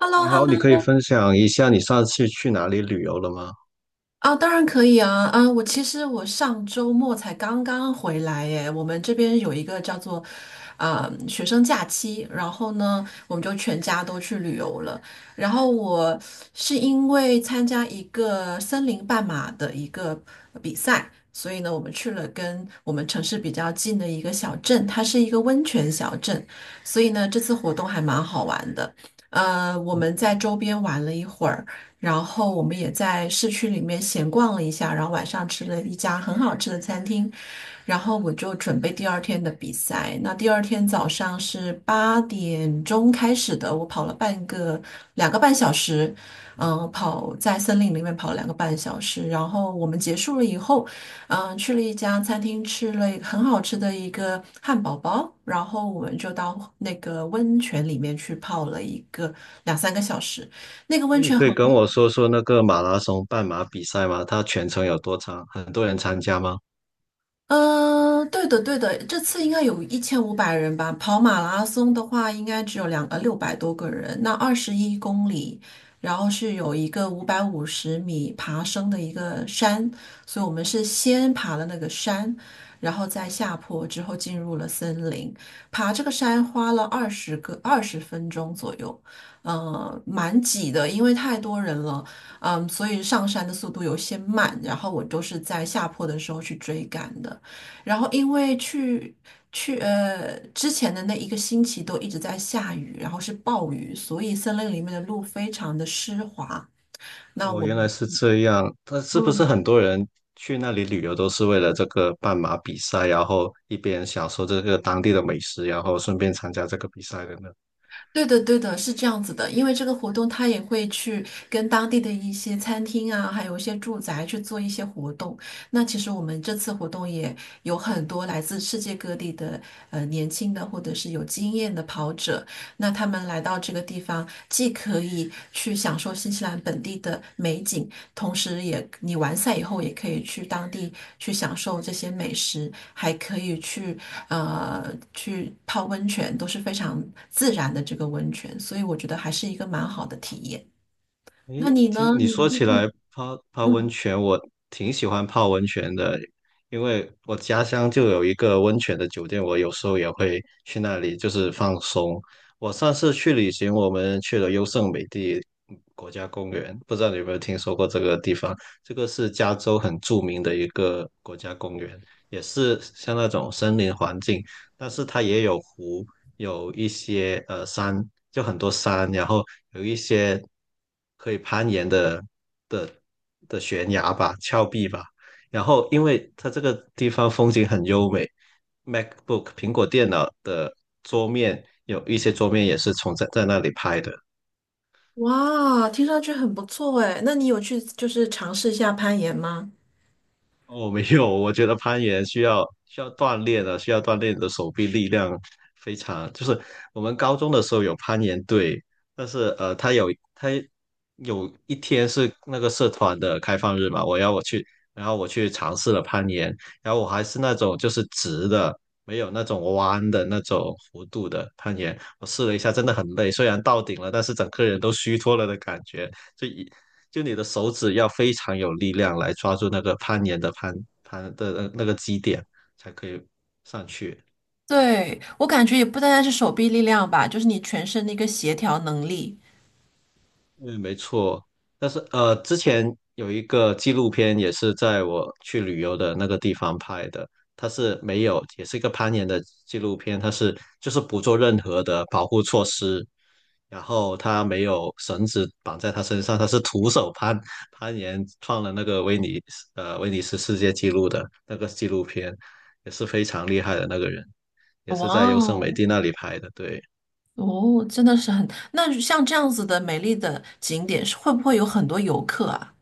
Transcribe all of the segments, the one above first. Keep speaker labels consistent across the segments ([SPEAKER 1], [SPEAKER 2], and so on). [SPEAKER 1] h e l l o
[SPEAKER 2] 你
[SPEAKER 1] h e l
[SPEAKER 2] 好，
[SPEAKER 1] l
[SPEAKER 2] 你可以
[SPEAKER 1] o
[SPEAKER 2] 分享一下你上次去哪里旅游了吗？
[SPEAKER 1] 啊，当然可以啊啊！我其实上周末才刚刚回来耶，我们这边有一个叫做学生假期，然后呢，我们就全家都去旅游了。然后我是因为参加一个森林半马的一个比赛，所以呢，我们去了跟我们城市比较近的一个小镇，它是一个温泉小镇，所以呢，这次活动还蛮好玩的。我们
[SPEAKER 2] 嗯。
[SPEAKER 1] 在周边玩了一会儿。然后我们也在市区里面闲逛了一下，然后晚上吃了一家很好吃的餐厅，然后我就准备第二天的比赛。那第二天早上是8点钟开始的，我跑了两个半小时，跑在森林里面跑了两个半小时。然后我们结束了以后，去了一家餐厅吃了一个很好吃的一个汉堡包，然后我们就到那个温泉里面去泡了一个两三个小时。那个
[SPEAKER 2] 诶
[SPEAKER 1] 温
[SPEAKER 2] 你
[SPEAKER 1] 泉
[SPEAKER 2] 可以
[SPEAKER 1] 很。
[SPEAKER 2] 跟我说说那个马拉松半马比赛吗？它全程有多长？很多人参加吗？
[SPEAKER 1] 对的，对的，这次应该有1500人吧。跑马拉松的话，应该只有600多个人。那21公里，然后是有一个550米爬升的一个山，所以我们是先爬了那个山，然后再下坡，之后进入了森林。爬这个山花了20分钟左右，嗯，蛮挤的，因为太多人了，嗯，所以上山的速度有些慢，然后我都是在下坡的时候去追赶的。然后因为去去呃之前的那一个星期都一直在下雨，然后是暴雨，所以森林里面的路非常的湿滑。那
[SPEAKER 2] 哦，
[SPEAKER 1] 我。
[SPEAKER 2] 原来是这样。那是不是
[SPEAKER 1] 嗯，
[SPEAKER 2] 很多人去那里旅游都是为了这个半马比赛，然后一边享受这个当地的美食，然后顺便参加这个比赛的呢？
[SPEAKER 1] 对的，对的，是这样子的，因为这个活动他也会去跟当地的一些餐厅啊，还有一些住宅去做一些活动。那其实我们这次活动也有很多来自世界各地的年轻的或者是有经验的跑者，那他们来到这个地方，既可以去享受新西兰本地的美景，同时也，你完赛以后也可以去当地去享受这些美食，还可以呃去泡温泉，都是非常自然的这个温泉，所以我觉得还是一个蛮好的体验。那
[SPEAKER 2] 诶，
[SPEAKER 1] 你
[SPEAKER 2] 听
[SPEAKER 1] 呢？
[SPEAKER 2] 你
[SPEAKER 1] 你
[SPEAKER 2] 说
[SPEAKER 1] 最
[SPEAKER 2] 起
[SPEAKER 1] 近。
[SPEAKER 2] 来泡泡温
[SPEAKER 1] 嗯，
[SPEAKER 2] 泉，我挺喜欢泡温泉的，因为我家乡就有一个温泉的酒店，我有时候也会去那里，就是放松。我上次去旅行，我们去了优胜美地国家公园，不知道你有没有听说过这个地方？这个是加州很著名的一个国家公园，也是像那种森林环境，但是它也有湖，有一些山，就很多山，然后有一些可以攀岩的的悬崖吧、峭壁吧。然后因为它这个地方风景很优美，MacBook 苹果电脑的桌面有一些桌面也是从在那里拍的。
[SPEAKER 1] 哇，听上去很不错诶，那你有去就是尝试一下攀岩吗？
[SPEAKER 2] 哦，没有，我觉得攀岩需要锻炼的，需要锻炼你的手臂力量非常。就是我们高中的时候有攀岩队，但是他有一天是那个社团的开放日嘛，我去，然后我去尝试了攀岩，然后我还是那种就是直的，没有那种弯的那种弧度的攀岩，我试了一下，真的很累，虽然到顶了，但是整个人都虚脱了的感觉，就一就你的手指要非常有力量来抓住那个攀岩的攀的那个基点，才可以上去。
[SPEAKER 1] 对，我感觉也不单单是手臂力量吧，就是你全身的一个协调能力。
[SPEAKER 2] 嗯，没错。但是之前有一个纪录片也是在我去旅游的那个地方拍的，它是没有，也是一个攀岩的纪录片，它是就是不做任何的保护措施，然后他没有绳子绑在他身上，他是徒手攀岩，创了那个威尼斯世界纪录的那个纪录片，也是非常厉害的那个人，也是在
[SPEAKER 1] 哇
[SPEAKER 2] 优胜美
[SPEAKER 1] 哦！
[SPEAKER 2] 地那里拍的，对。
[SPEAKER 1] 哦，真的是很，那像这样子的美丽的景点，是会不会有很多游客啊？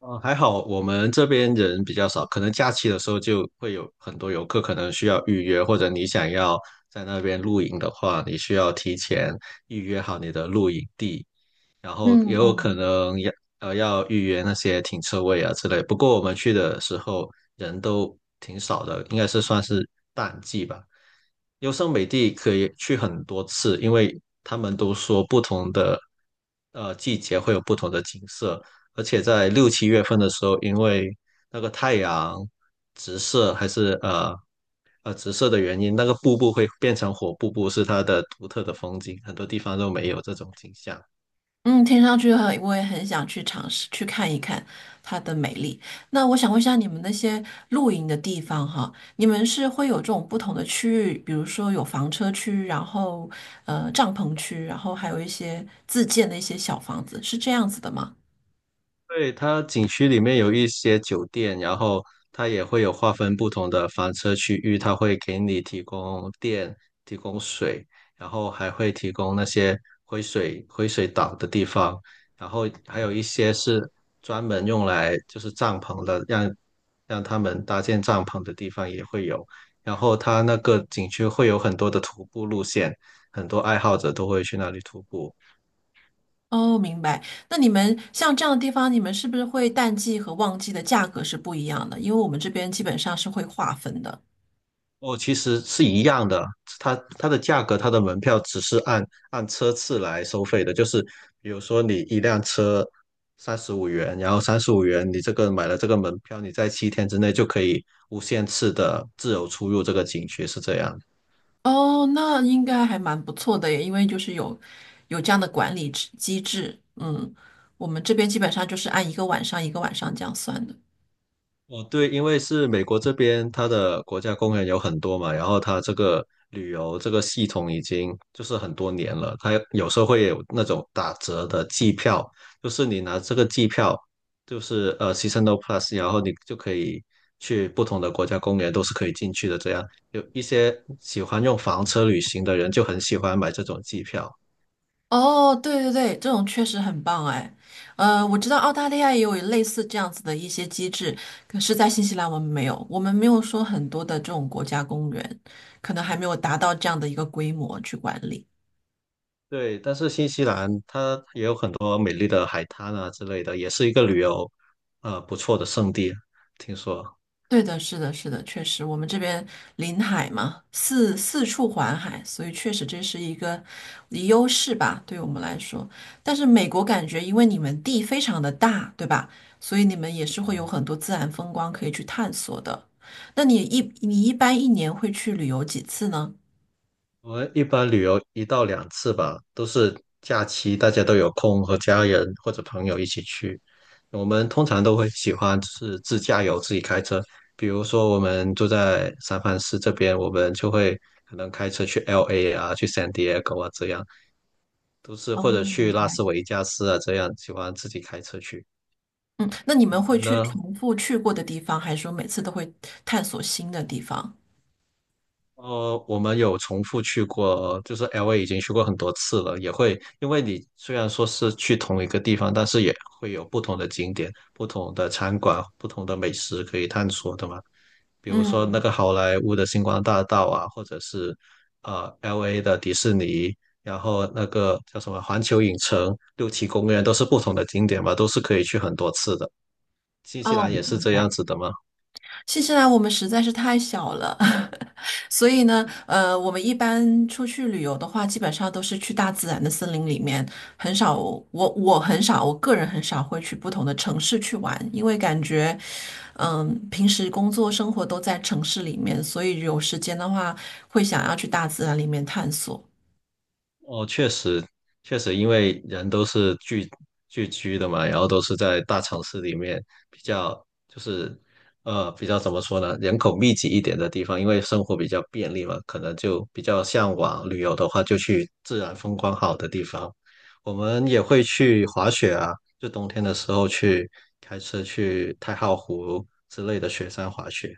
[SPEAKER 2] 嗯，还好我们这边人比较少，可能假期的时候就会有很多游客可能需要预约，或者你想要在那边露营的话，你需要提前预约好你的露营地，然后也
[SPEAKER 1] 嗯
[SPEAKER 2] 有可
[SPEAKER 1] 嗯。
[SPEAKER 2] 能要要预约那些停车位啊之类。不过我们去的时候人都挺少的，应该是算是淡季吧。优胜美地可以去很多次，因为他们都说不同的季节会有不同的景色，而且在六七月份的时候，因为那个太阳直射还是直射的原因，那个瀑布会变成火瀑布，是它的独特的风景，很多地方都没有这种景象。
[SPEAKER 1] 嗯，听上去很，我也很想去尝试去看一看它的美丽。那我想问一下，你们那些露营的地方哈，你们是会有这种不同的区域，比如说有房车区，然后呃帐篷区，然后还有一些自建的一些小房子，是这样子的吗？
[SPEAKER 2] 对，它景区里面有一些酒店，然后它也会有划分不同的房车区域，它会给你提供电、提供水，然后还会提供那些回水岛的地方，然后还有一些是专门用来就是帐篷的，让他们搭建帐篷的地方也会有。然后它那个景区会有很多的徒步路线，很多爱好者都会去那里徒步。
[SPEAKER 1] 哦，明白。那你们像这样的地方，你们是不是会淡季和旺季的价格是不一样的？因为我们这边基本上是会划分的。
[SPEAKER 2] 哦，其实是一样的，它的价格，它的门票只是按车次来收费的，就是比如说你一辆车三十五元，然后三十五元你这个买了这个门票，你在七天之内就可以无限次的自由出入这个景区，是这样。
[SPEAKER 1] 哦，那应该还蛮不错的耶，因为就是有这样的管理制机制。嗯，我们这边基本上就是按一个晚上一个晚上这样算的。
[SPEAKER 2] 哦，对，因为是美国这边，它的国家公园有很多嘛，然后它这个旅游这个系统已经就是很多年了，它有时候会有那种打折的季票，就是你拿这个季票，就是seasonal plus，然后你就可以去不同的国家公园都是可以进去的。这样有一些喜欢用房车旅行的人就很喜欢买这种季票，
[SPEAKER 1] 哦，对对对，这种确实很棒哎。呃，我知道澳大利亚也有类似这样子的一些机制，可是，在新西兰我们没有，我们没有说很多的这种国家公园，可能还没有达到这样的一个规模去管理。
[SPEAKER 2] 对，但是新西兰它也有很多美丽的海滩啊之类的，也是一个旅游不错的胜地。听说
[SPEAKER 1] 对的，是的，是的，确实，我们这边临海嘛，四处环海，所以确实这是一个优势吧，对我们来说。但是美国感觉，因为你们地非常的大，对吧？所以你们也是会有很多自然风光可以去探索的。那你一般一年会去旅游几次呢？
[SPEAKER 2] 我们一般旅游一到两次吧，都是假期大家都有空和家人或者朋友一起去。我们通常都会喜欢是自驾游，自己开车。比如说我们住在三藩市这边，我们就会可能开车去 LA 啊，去 San Diego 啊这样，都是
[SPEAKER 1] 哦，
[SPEAKER 2] 或者去
[SPEAKER 1] 明
[SPEAKER 2] 拉
[SPEAKER 1] 白。
[SPEAKER 2] 斯维加斯啊这样，喜欢自己开车去。
[SPEAKER 1] 嗯，那你们
[SPEAKER 2] 你
[SPEAKER 1] 会
[SPEAKER 2] 们
[SPEAKER 1] 去
[SPEAKER 2] 呢？
[SPEAKER 1] 重复去过的地方，还是说每次都会探索新的地方？
[SPEAKER 2] 呃，我们有重复去过，就是 LA 已经去过很多次了，也会因为你虽然说是去同一个地方，但是也会有不同的景点、不同的餐馆、不同的美食可以探索的嘛。比如说那
[SPEAKER 1] 嗯。
[SPEAKER 2] 个好莱坞的星光大道啊，或者是LA 的迪士尼，然后那个叫什么环球影城、六旗公园，都是不同的景点嘛，都是可以去很多次的。新西
[SPEAKER 1] 哦，
[SPEAKER 2] 兰也是
[SPEAKER 1] 明
[SPEAKER 2] 这样
[SPEAKER 1] 白。
[SPEAKER 2] 子的吗？
[SPEAKER 1] 新西兰我们实在是太小了，所以呢，呃，我们一般出去旅游的话，基本上都是去大自然的森林里面，很少，我很少，我个人很少会去不同的城市去玩，因为感觉，嗯，平时工作生活都在城市里面，所以有时间的话，会想要去大自然里面探索。
[SPEAKER 2] 哦，确实，确实，因为人都是聚居的嘛，然后都是在大城市里面比较，就是比较怎么说呢，人口密集一点的地方，因为生活比较便利嘛，可能就比较向往旅游的话，就去自然风光好的地方。我们也会去滑雪啊，就冬天的时候去开车去太浩湖之类的雪山滑雪。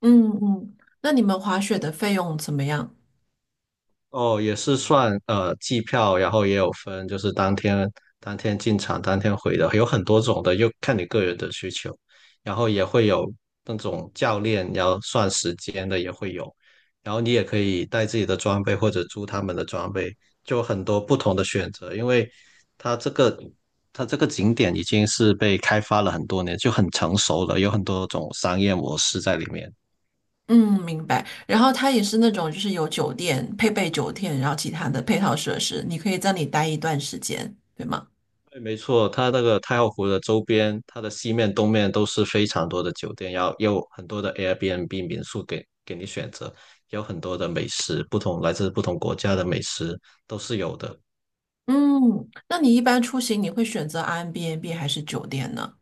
[SPEAKER 1] 嗯嗯，那你们滑雪的费用怎么样？
[SPEAKER 2] 哦，也是算季票，然后也有分，就是当天进场、当天回的，有很多种的，又看你个人的需求。然后也会有那种教练要算时间的也会有，然后你也可以带自己的装备或者租他们的装备，就很多不同的选择。因为它这个它这个景点已经是被开发了很多年，就很成熟了，有很多种商业模式在里面。
[SPEAKER 1] 嗯，明白。然后它也是那种，就是有酒店配备酒店，然后其他的配套设施，你可以在里待一段时间，对吗？
[SPEAKER 2] 对，没错，它那个太浩湖的周边，它的西面、东面都是非常多的酒店，然后也有很多的 Airbnb 民宿给你选择，也有很多的美食，不同来自不同国家的美食都是有的。
[SPEAKER 1] 嗯，那你一般出行你会选择 Airbnb 还是酒店呢？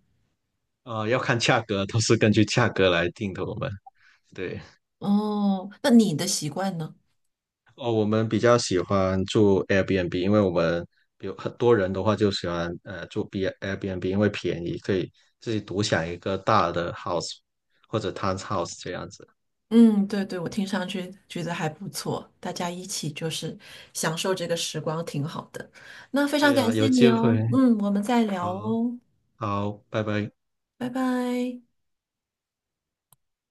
[SPEAKER 2] 呃，要看价格，都是根据价格来定的。我们对
[SPEAKER 1] 哦，那你的习惯呢？
[SPEAKER 2] 哦，我们比较喜欢住 Airbnb，因为我们有很多人的话就喜欢住 Airbnb，因为便宜，可以自己独享一个大的 house 或者 townhouse 这样子。
[SPEAKER 1] 嗯，对对，我听上去觉得还不错，大家一起就是享受这个时光，挺好的。那非
[SPEAKER 2] 对
[SPEAKER 1] 常感
[SPEAKER 2] 呀、
[SPEAKER 1] 谢
[SPEAKER 2] 有机
[SPEAKER 1] 你哦，
[SPEAKER 2] 会。
[SPEAKER 1] 嗯，我们再聊
[SPEAKER 2] 好，
[SPEAKER 1] 哦，
[SPEAKER 2] 好，拜拜。
[SPEAKER 1] 拜拜。